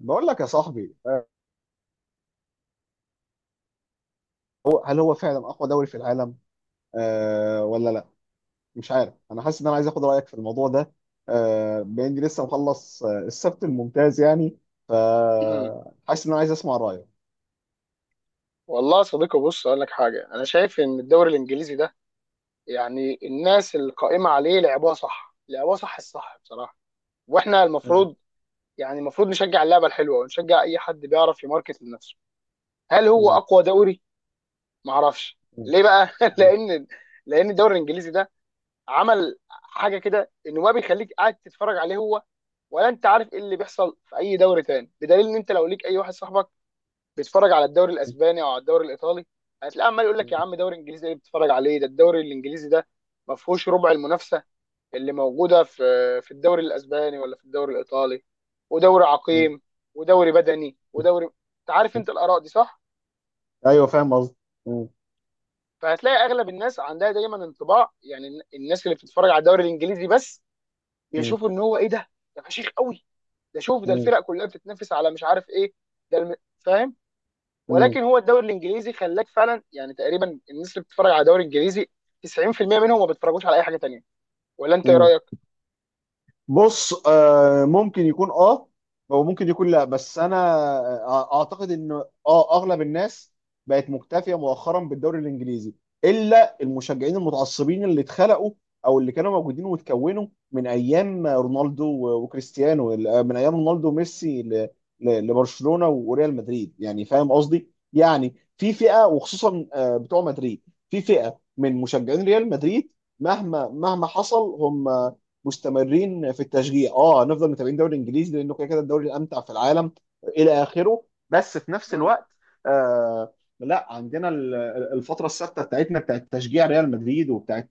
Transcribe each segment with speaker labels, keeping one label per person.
Speaker 1: بقول لك يا صاحبي، هل هو فعلا اقوى دوري في العالم ولا لا؟ مش عارف، انا حاسس ان انا عايز اخد رايك في الموضوع ده. باني لسه مخلص، السبت الممتاز يعني. ف
Speaker 2: مم.
Speaker 1: حاسس ان انا عايز اسمع رايك.
Speaker 2: والله يا صديقي بص اقول لك حاجه انا شايف ان الدوري الانجليزي ده يعني الناس القائمه عليه لعبوها صح لعبوها صح الصح بصراحه واحنا
Speaker 1: م-
Speaker 2: المفروض يعني المفروض نشجع اللعبه الحلوه ونشجع اي حد بيعرف يماركت لنفسه. هل هو
Speaker 1: م-
Speaker 2: اقوى دوري؟ ما اعرفش
Speaker 1: م-
Speaker 2: ليه بقى
Speaker 1: م-
Speaker 2: لان لان الدوري الانجليزي ده عمل حاجه كده انه ما بيخليك قاعد تتفرج عليه هو ولا انت عارف ايه اللي بيحصل في اي دوري تاني، بدليل ان انت لو ليك اي واحد صاحبك بيتفرج على الدوري الاسباني او على الدوري الايطالي هتلاقيه عمال يقول
Speaker 1: م-
Speaker 2: لك يا
Speaker 1: م-
Speaker 2: عم دوري انجليزي ايه بتتفرج عليه، ده الدوري الانجليزي ده ما فيهوش ربع المنافسه اللي موجوده في الدوري الاسباني ولا في الدوري الايطالي، ودوري
Speaker 1: م-
Speaker 2: عقيم ودوري بدني ودوري انت عارف،
Speaker 1: م-
Speaker 2: انت الاراء دي صح.
Speaker 1: ايوه، فاهم قصدي. م-
Speaker 2: فهتلاقي اغلب الناس عندها دايما انطباع، يعني الناس اللي بتتفرج على الدوري الانجليزي بس
Speaker 1: م-
Speaker 2: بيشوفوا ان هو ايه ده فشيخ قوي، ده شوف ده الفرق كلها بتتنافس على مش عارف ايه، فاهم؟
Speaker 1: م-
Speaker 2: ولكن هو الدوري الانجليزي خلاك فعلا يعني تقريبا الناس اللي بتتفرج على الدوري الانجليزي 90% منهم ما بيتفرجوش على اي حاجه تانيه. ولا انت ايه
Speaker 1: م-
Speaker 2: رايك؟
Speaker 1: بص، ممكن يكون اه، وممكن يكون لا، بس انا اعتقد ان اه اغلب الناس بقت مكتفيه مؤخرا بالدوري الانجليزي، الا المشجعين المتعصبين اللي اتخلقوا او اللي كانوا موجودين واتكونوا من ايام رونالدو وكريستيانو، من ايام رونالدو وميسي لبرشلونه وريال مدريد. يعني فاهم قصدي، يعني في فئه، وخصوصا بتوع مدريد، في فئه من مشجعين ريال مدريد مهما مهما حصل هم مستمرين في التشجيع. اه هنفضل متابعين الدوري الانجليزي، لانه كده كده الدوري الامتع في العالم الى اخره. بس في نفس
Speaker 2: مم.
Speaker 1: الوقت، آه لا، عندنا الفتره الثابته بتاعتنا، بتاعت تشجيع ريال مدريد، وبتاعت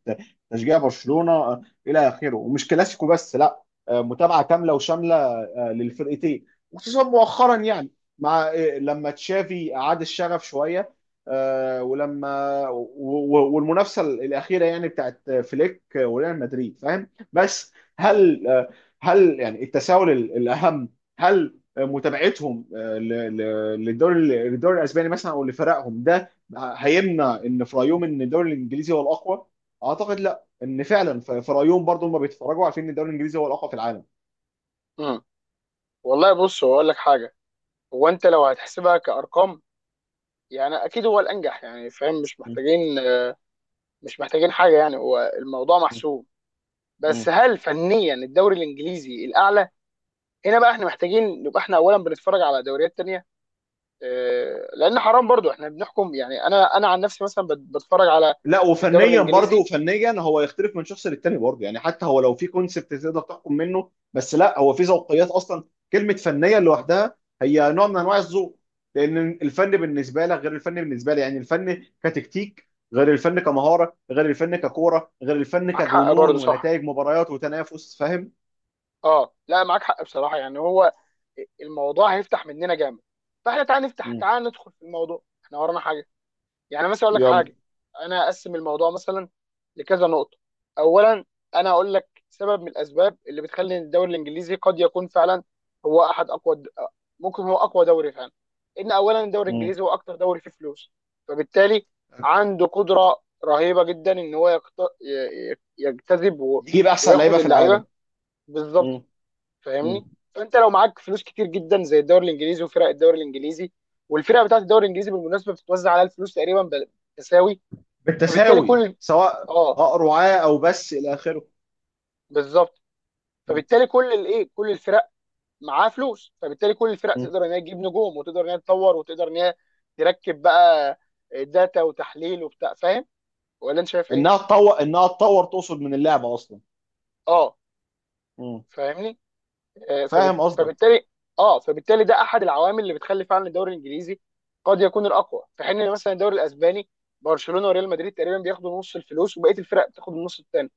Speaker 1: تشجيع برشلونه، الى اخره، ومش كلاسيكو بس، لا، متابعه كامله وشامله للفرقتين، وخصوصا مؤخرا يعني، مع لما تشافي اعاد الشغف شويه، ولما والمنافسه الاخيره يعني بتاعت فليك وريال مدريد. فاهم؟ بس
Speaker 2: مم.
Speaker 1: هل يعني التساؤل الاهم هل متابعتهم للدوري الاسباني مثلا او لفرقهم ده هيمنع ان في رايهم ان الدوري الانجليزي هو الاقوى؟ اعتقد لا، ان فعلا في رايهم برضه هم بيتفرجوا عارفين ان الدوري الانجليزي هو الاقوى في العالم.
Speaker 2: مم. والله بص هو اقول لك حاجه، هو انت لو هتحسبها كارقام يعني اكيد هو الانجح يعني فاهم، مش
Speaker 1: م.
Speaker 2: محتاجين مش محتاجين حاجه يعني هو الموضوع
Speaker 1: م.
Speaker 2: محسوم.
Speaker 1: م.
Speaker 2: بس هل فنيا الدوري الانجليزي الاعلى؟ هنا بقى احنا محتاجين نبقى احنا اولا بنتفرج على دوريات تانيه، لان حرام برضو احنا بنحكم، يعني انا عن نفسي مثلا بتفرج على
Speaker 1: لا،
Speaker 2: الدوري
Speaker 1: وفنيا برضه،
Speaker 2: الانجليزي.
Speaker 1: فنيا هو يختلف من شخص للتاني برضه يعني، حتى هو لو في كونسبت تقدر تحكم منه، بس لا، هو في ذوقيات اصلا. كلمه فنيا لوحدها هي نوع من انواع الذوق، لان الفن بالنسبه لك غير الفن بالنسبه لي، يعني الفن كتكتيك غير الفن كمهاره غير الفن ككوره غير الفن
Speaker 2: معاك حق
Speaker 1: كجنون
Speaker 2: برضه، صح.
Speaker 1: ونتائج مباريات وتنافس. فاهم؟
Speaker 2: اه لا معاك حق بصراحه، يعني هو الموضوع هيفتح مننا جامد فاحنا تعال نفتح،
Speaker 1: مم.
Speaker 2: تعال ندخل في الموضوع احنا ورانا حاجه. يعني مثلا اقول لك
Speaker 1: يلا.
Speaker 2: حاجه، انا اقسم الموضوع مثلا لكذا نقطه. اولا انا اقول لك سبب من الاسباب اللي بتخلي الدوري الانجليزي قد يكون فعلا هو احد اقوى ممكن هو اقوى دوري فعلا، ان اولا الدوري
Speaker 1: مم.
Speaker 2: الانجليزي هو اكتر دوري فيه فلوس، فبالتالي عنده قدره رهيبه جدا ان هو يجتذب
Speaker 1: نجيب احسن
Speaker 2: وياخد
Speaker 1: لعيبه في العالم.
Speaker 2: اللعيبه، بالظبط.
Speaker 1: مم.
Speaker 2: فاهمني؟
Speaker 1: مم.
Speaker 2: فانت لو معاك فلوس كتير جدا زي الدوري الانجليزي وفرق الدوري الانجليزي، والفرق بتاعت الدوري الانجليزي بالمناسبه بتتوزع على الفلوس تقريبا تساوي، فبالتالي
Speaker 1: بالتساوي،
Speaker 2: كل
Speaker 1: سواء
Speaker 2: اه
Speaker 1: رعاة او بس، الى اخره.
Speaker 2: بالظبط. فبالتالي كل كل الفرق معاها فلوس، فبالتالي كل الفرق
Speaker 1: مم.
Speaker 2: تقدر ان هي تجيب نجوم وتقدر ان هي تطور وتقدر ان هي تركب بقى داتا وتحليل وبتاع، فاهم؟ ولا انت شايف
Speaker 1: انها
Speaker 2: ايه؟
Speaker 1: تطور، تقصد من اللعبه اصلا.
Speaker 2: اه.
Speaker 1: مم.
Speaker 2: فاهمني؟
Speaker 1: فاهم قصدك.
Speaker 2: فبالتالي اه فبالتالي ده احد العوامل اللي بتخلي فعلا الدوري الانجليزي قد يكون الاقوى، في حين إن مثلا الدوري الاسباني برشلونه وريال مدريد تقريبا بياخدوا نص الفلوس وبقيه الفرق بتاخد النص الثاني.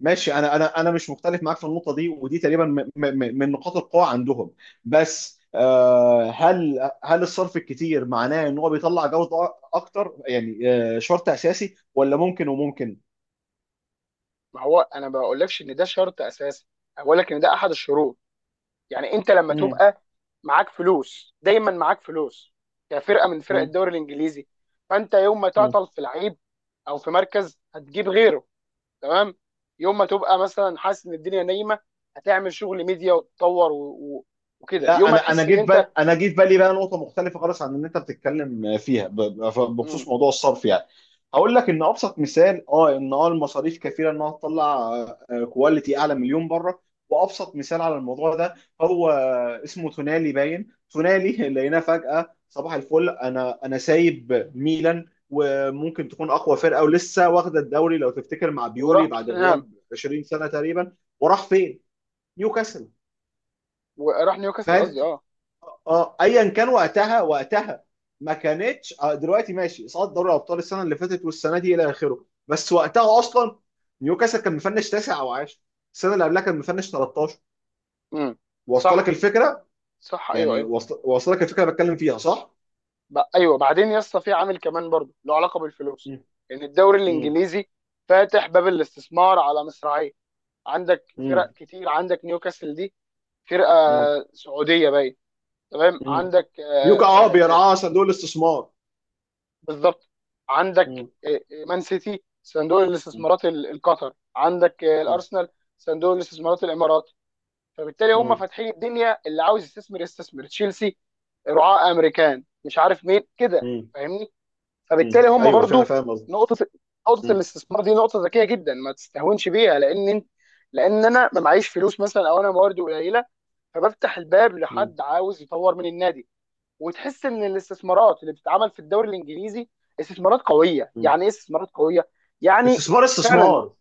Speaker 1: ماشي، انا مش مختلف معاك في النقطه دي، ودي تقريبا من نقاط القوه عندهم. بس هل الصرف الكتير معناه ان هو بيطلع جوده اكتر يعني، شرط اساسي، ولا ممكن وممكن؟
Speaker 2: ما هو انا ما بقولكش ان ده شرط اساسي، أنا بقول لك ان ده احد الشروط. يعني انت لما
Speaker 1: مم.
Speaker 2: تبقى معاك فلوس دايما، معاك فلوس كفرقه من فرق
Speaker 1: مم.
Speaker 2: الدوري الانجليزي، فانت يوم ما
Speaker 1: مم.
Speaker 2: تعطل في لعيب او في مركز هتجيب غيره، تمام. يوم ما تبقى مثلا حاسس ان الدنيا نايمه هتعمل شغل ميديا وتطور وكده.
Speaker 1: لا،
Speaker 2: يوم ما
Speaker 1: انا انا
Speaker 2: تحس
Speaker 1: جه
Speaker 2: ان
Speaker 1: في
Speaker 2: انت
Speaker 1: بالي انا جه في بالي بقى نقطه مختلفه خالص عن اللي انت بتتكلم فيها
Speaker 2: مم.
Speaker 1: بخصوص موضوع الصرف يعني. هقول لك ان ابسط مثال ان المصاريف كفيله انها تطلع كواليتي اعلى مليون بره. وابسط مثال على الموضوع ده هو اسمه تونالي، باين تونالي لقيناه فجاه صباح الفل. انا سايب ميلان وممكن تكون اقوى فرقه، ولسه واخده الدوري لو تفتكر مع
Speaker 2: وراح
Speaker 1: بيولي بعد
Speaker 2: توتنهام،
Speaker 1: غياب 20 سنه تقريبا. وراح فين؟ نيوكاسل.
Speaker 2: وراح نيوكاسل
Speaker 1: فاهم؟
Speaker 2: قصدي اه.
Speaker 1: اه ايا كان، وقتها وقتها ما كانتش، دلوقتي ماشي اصابه دوري الابطال السنه اللي فاتت والسنه دي الى اخره، بس وقتها اصلا نيوكاسل كان مفنش تاسع او عاشر، السنه اللي قبلها كان مفنش 13.
Speaker 2: مم.
Speaker 1: واصله لك
Speaker 2: صح.
Speaker 1: الفكره؟
Speaker 2: صح، ايوه
Speaker 1: يعني
Speaker 2: ايوه.
Speaker 1: واصله، لك الفكره اللي بتكلم فيها، صح؟
Speaker 2: ايوه بعدين يا اسطى في عامل كمان برضه له علاقه بالفلوس،
Speaker 1: مم.
Speaker 2: ان الدوري
Speaker 1: مم.
Speaker 2: الانجليزي فاتح باب الاستثمار على مصراعيه. عندك
Speaker 1: مم.
Speaker 2: فرق كتير، عندك نيوكاسل دي فرقه
Speaker 1: مم.
Speaker 2: سعوديه باين، تمام.
Speaker 1: مم.
Speaker 2: عندك
Speaker 1: نيوكا اه
Speaker 2: آه، آه،
Speaker 1: بيرعاه صندوق الاستثمار.
Speaker 2: بالظبط. عندك
Speaker 1: مم.
Speaker 2: مان سيتي صندوق
Speaker 1: مم.
Speaker 2: الاستثمارات القطر، عندك
Speaker 1: مم.
Speaker 2: الارسنال صندوق الاستثمارات الامارات، فبالتالي هم
Speaker 1: مم.
Speaker 2: فاتحين الدنيا اللي عاوز يستثمر يستثمر، تشيلسي رعاة امريكان مش عارف مين كده،
Speaker 1: مم.
Speaker 2: فاهمني؟
Speaker 1: مم.
Speaker 2: فبالتالي هم
Speaker 1: ايوه، فاهم
Speaker 2: برضو
Speaker 1: فاهم قصدي.
Speaker 2: نقطة نقطة
Speaker 1: مم.
Speaker 2: الاستثمار دي نقطة ذكية جدا ما تستهونش بيها، لان لان انا ما معيش فلوس مثلا، او انا مواردي قليلة فبفتح الباب
Speaker 1: مم.
Speaker 2: لحد عاوز يطور من النادي. وتحس ان الاستثمارات اللي بتتعمل في الدوري الانجليزي استثمارات قويه.
Speaker 1: مم.
Speaker 2: يعني ايه استثمارات قويه؟ يعني
Speaker 1: استثمار
Speaker 2: فعلا،
Speaker 1: استثمار.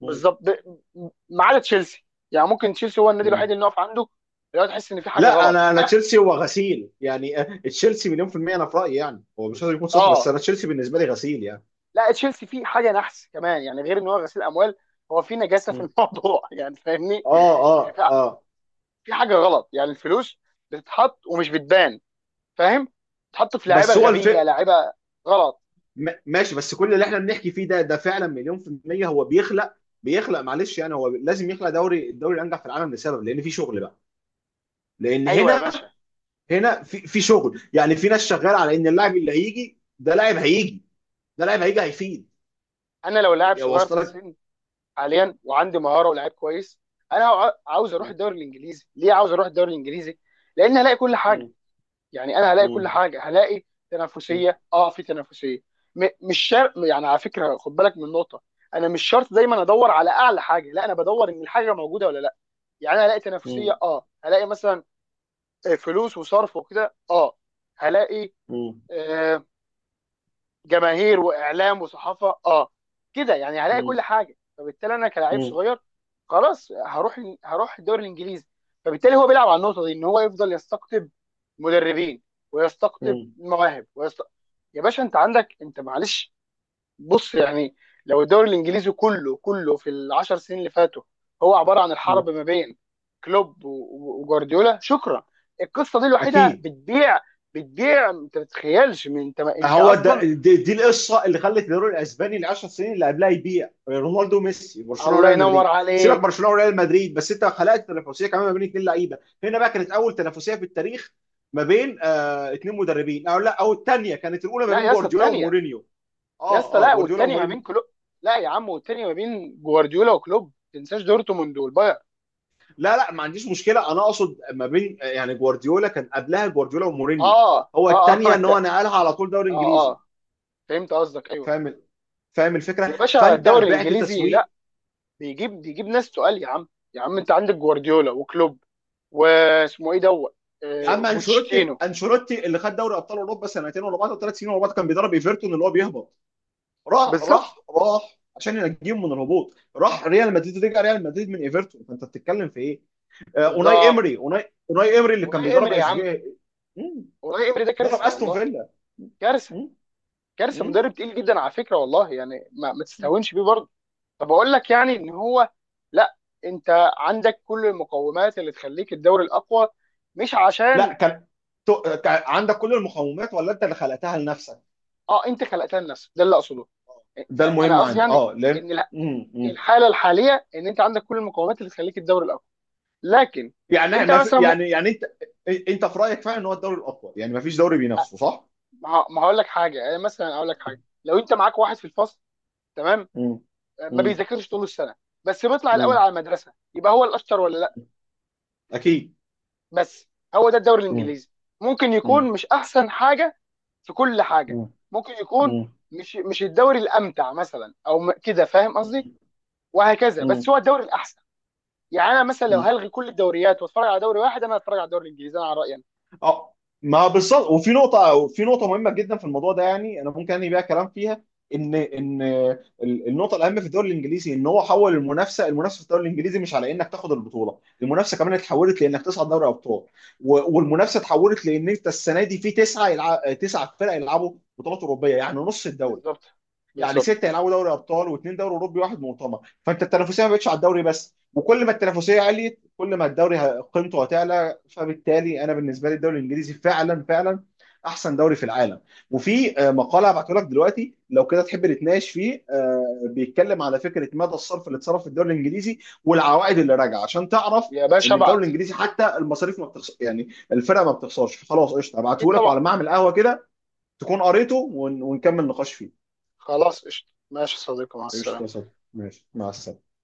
Speaker 1: مم.
Speaker 2: بالظبط. ما عدا تشيلسي يعني، ممكن تشيلسي هو النادي
Speaker 1: مم.
Speaker 2: الوحيد اللي نقف عنده لو تحس ان في حاجه
Speaker 1: لا،
Speaker 2: غلط
Speaker 1: انا تشيلسي هو غسيل يعني، تشيلسي مليون في المية انا في رأيي، يعني هو مش لازم يكون صح، بس
Speaker 2: اه
Speaker 1: انا تشيلسي بالنسبة لي غسيل يعني.
Speaker 2: لا تشيلسي فيه حاجه نحس كمان يعني، غير ان هو غسيل اموال هو في نجاسه في
Speaker 1: مم.
Speaker 2: الموضوع يعني فاهمني،
Speaker 1: اه،
Speaker 2: يعني
Speaker 1: اه،
Speaker 2: في
Speaker 1: اه.
Speaker 2: حاجه غلط يعني، الفلوس بتتحط ومش بتبان، فاهم؟ بتتحط في لعيبه
Speaker 1: بس هو الف،
Speaker 2: غبيه، لعيبه غلط.
Speaker 1: ماشي. بس كل اللي احنا بنحكي فيه ده، فعلا مليون في المية، هو بيخلق، معلش يعني، هو لازم يخلق دوري، الانجح في العالم، لسبب لان في شغل بقى. لان
Speaker 2: ايوه يا
Speaker 1: هنا
Speaker 2: باشا.
Speaker 1: في شغل، يعني في ناس شغاله على ان اللاعب اللي هيجي ده لاعب هيجي، هيفيد.
Speaker 2: انا لو لاعب صغير في
Speaker 1: واصل لك؟
Speaker 2: السن حاليا وعندي مهاره ولاعيب كويس، انا عاوز اروح الدوري الانجليزي. ليه عاوز اروح الدوري الانجليزي؟ لان هلاقي كل حاجه،
Speaker 1: مم.
Speaker 2: يعني انا هلاقي كل
Speaker 1: مم.
Speaker 2: حاجه، هلاقي
Speaker 1: مم.
Speaker 2: تنافسيه، اه في تنافسيه. مش شرط يعني، على فكره خد بالك من نقطه، انا مش شرط دايما ادور على اعلى حاجه، لا انا بدور ان الحاجه موجوده ولا لا. يعني انا هلاقي تنافسيه،
Speaker 1: مم.
Speaker 2: اه هلاقي مثلا فلوس وصرف وكده، اه هلاقي
Speaker 1: مم.
Speaker 2: آه، جماهير واعلام وصحافه، اه كده يعني هلاقي كل حاجه، فبالتالي انا كلاعب
Speaker 1: مم.
Speaker 2: صغير خلاص هروح، هروح الدوري الانجليزي. فبالتالي هو بيلعب على النقطه دي ان هو يفضل يستقطب مدربين ويستقطب
Speaker 1: مم.
Speaker 2: مواهب يا باشا انت عندك، انت معلش بص يعني لو الدوري الانجليزي كله كله في العشر سنين اللي فاتوا هو عباره عن
Speaker 1: مم.
Speaker 2: الحرب ما بين كلوب وجوارديولا، شكرا. القصه دي الوحيده
Speaker 1: اكيد.
Speaker 2: بتبيع، بتبيع انت ما تتخيلش. من انت
Speaker 1: ما
Speaker 2: انت
Speaker 1: هو ده
Speaker 2: اصلا
Speaker 1: دي, دي القصه اللي خلت الدوري الاسباني ال 10 سنين اللي قبلها يبيع رونالدو وميسي، برشلونه
Speaker 2: الله
Speaker 1: وريال
Speaker 2: ينور
Speaker 1: مدريد. سيبك،
Speaker 2: عليك.
Speaker 1: برشلونه وريال مدريد، بس انت خلقت تنافسيه كمان ما بين 2 لعيبه. هنا بقى كانت اول تنافسيه في التاريخ ما بين 2 مدربين، او لا، او الثانيه كانت الاولى، ما
Speaker 2: لا
Speaker 1: بين
Speaker 2: يا اسطى
Speaker 1: جوارديولا
Speaker 2: الثانيه،
Speaker 1: ومورينيو.
Speaker 2: يا
Speaker 1: اه،
Speaker 2: اسطى
Speaker 1: اه،
Speaker 2: لا
Speaker 1: جوارديولا
Speaker 2: والثانيه ما بين
Speaker 1: ومورينيو.
Speaker 2: كلوب، لا يا عم والثانيه ما بين جوارديولا وكلوب، ما تنساش دورتموند والبايرن.
Speaker 1: لا، لا، ما عنديش مشكله. انا اقصد ما بين، يعني جوارديولا، كان قبلها جوارديولا ومورينيو.
Speaker 2: اه
Speaker 1: هو
Speaker 2: اه اه
Speaker 1: الثانيه ان
Speaker 2: انت
Speaker 1: هو نقلها على طول دوري
Speaker 2: اه
Speaker 1: انجليزي.
Speaker 2: اه فهمت قصدك، ايوه.
Speaker 1: فاهم؟ فاهم
Speaker 2: يا
Speaker 1: الفكره.
Speaker 2: باشا
Speaker 1: فانت
Speaker 2: الدوري
Speaker 1: بعت
Speaker 2: الانجليزي لا،
Speaker 1: تسويق.
Speaker 2: بيجيب بيجيب ناس تقال يا عم، يا عم انت عندك جوارديولا وكلوب، واسمه ايه دوت
Speaker 1: يا عم انشيلوتي،
Speaker 2: بوتشيتينو.
Speaker 1: انشيلوتي اللي خد دوري ابطال اوروبا سنتين ورا بعض أو 3 سنين ورا بعض كان بيدرب ايفرتون اللي هو بيهبط. راح،
Speaker 2: بالظبط،
Speaker 1: راح، راح عشان ينجيهم من الهبوط، راح ريال مدريد، رجع ريال مدريد من ايفرتون. فانت بتتكلم في ايه؟ اوناي
Speaker 2: بالظبط.
Speaker 1: امري، اوناي اوناي امري اللي كان
Speaker 2: والله
Speaker 1: بيدرب
Speaker 2: امري يا عم،
Speaker 1: اشبيليه. مم،
Speaker 2: والله امري ده
Speaker 1: درب
Speaker 2: كارثه
Speaker 1: استون
Speaker 2: والله،
Speaker 1: فيلا.
Speaker 2: كارثه.
Speaker 1: مم،
Speaker 2: كارثه
Speaker 1: مم.
Speaker 2: مدرب تقيل جدا على فكره والله، يعني ما تستهونش بيه برضه. طب اقول لك يعني ان هو لا، انت عندك كل المقومات اللي تخليك الدوري الاقوى، مش
Speaker 1: لا،
Speaker 2: عشان
Speaker 1: كان عندك كل المقومات، ولا انت اللي خلقتها لنفسك؟
Speaker 2: اه. انت خلقتها لنفسك، ده اللي اقصده.
Speaker 1: ده
Speaker 2: انا
Speaker 1: المهم
Speaker 2: قصدي
Speaker 1: عندي.
Speaker 2: يعني،
Speaker 1: اه لان
Speaker 2: ان
Speaker 1: مم، مم.
Speaker 2: الحاله الحاليه ان انت عندك كل المقومات اللي تخليك الدوري الاقوى، لكن
Speaker 1: يعني
Speaker 2: انت
Speaker 1: ما في،
Speaker 2: مثلا م-
Speaker 1: يعني انت، انت في رايك فعلا ان هو الدوري الاقوى يعني، ما فيش دوري بينافسه، صح؟
Speaker 2: ما ما هقول لك حاجه، يعني مثلا اقول لك حاجه لو انت معاك واحد في الفصل، تمام،
Speaker 1: مم.
Speaker 2: ما
Speaker 1: مم.
Speaker 2: بيذاكرش طول السنه بس بيطلع الاول
Speaker 1: مم.
Speaker 2: على المدرسه، يبقى هو الاشطر ولا لا؟
Speaker 1: اكيد.
Speaker 2: بس هو ده الدوري
Speaker 1: مم.
Speaker 2: الانجليزي، ممكن يكون
Speaker 1: مم.
Speaker 2: مش احسن حاجه في كل حاجه،
Speaker 1: مم.
Speaker 2: ممكن يكون
Speaker 1: مم.
Speaker 2: مش الدوري الامتع مثلا، او كده فاهم قصدي، وهكذا،
Speaker 1: مم.
Speaker 2: بس هو الدوري الاحسن. يعني انا مثلا لو
Speaker 1: مم.
Speaker 2: هلغي كل الدوريات واتفرج على دوري واحد انا هتفرج على الدوري الانجليزي، انا على رايي أنا.
Speaker 1: اه، ما بالظبط. وفي نقطة، في نقطة مهمة جدا في الموضوع ده يعني، أنا ممكن أنهي بيها كلام فيها. إن النقطة الأهم في الدوري الإنجليزي إن هو حول المنافسة. المنافسة في الدوري الإنجليزي مش على إنك تاخد البطولة، المنافسة كمان اتحولت لإنك تصعد دوري أبطال، والمنافسة اتحولت لإن أنت السنة دي في 9 فرق يلعبوا بطولات أوروبية، يعني نص الدوري،
Speaker 2: بالظبط،
Speaker 1: يعني
Speaker 2: بالظبط.
Speaker 1: 6 هيلعبوا دوري ابطال واثنين دوري اوروبي واحد مؤتمر. فانت التنافسيه ما بقتش على الدوري بس، وكل ما التنافسيه عليت كل ما الدوري قيمته هتعلى. فبالتالي انا بالنسبه لي الدوري الانجليزي فعلا فعلا احسن دوري في العالم. وفي مقاله هبعته لك دلوقتي لو كده تحب نتناقش فيه، بيتكلم على فكره مدى الصرف اللي اتصرف في الدوري الانجليزي والعوائد اللي راجعه، عشان تعرف
Speaker 2: يا باشا
Speaker 1: ان الدوري
Speaker 2: ابعت.
Speaker 1: الانجليزي حتى المصاريف ما بتخسر يعني، الفرق ما بتخسرش. فخلاص قشطه،
Speaker 2: اكيد
Speaker 1: هبعته لك،
Speaker 2: طبعا.
Speaker 1: وعلى ما اعمل قهوه كده تكون قريته، ونكمل نقاش فيه.
Speaker 2: خلاص قشطه، ماشي يا صديقي مع
Speaker 1: قشطة،
Speaker 2: السلامه.
Speaker 1: ماشي، مع السلامة.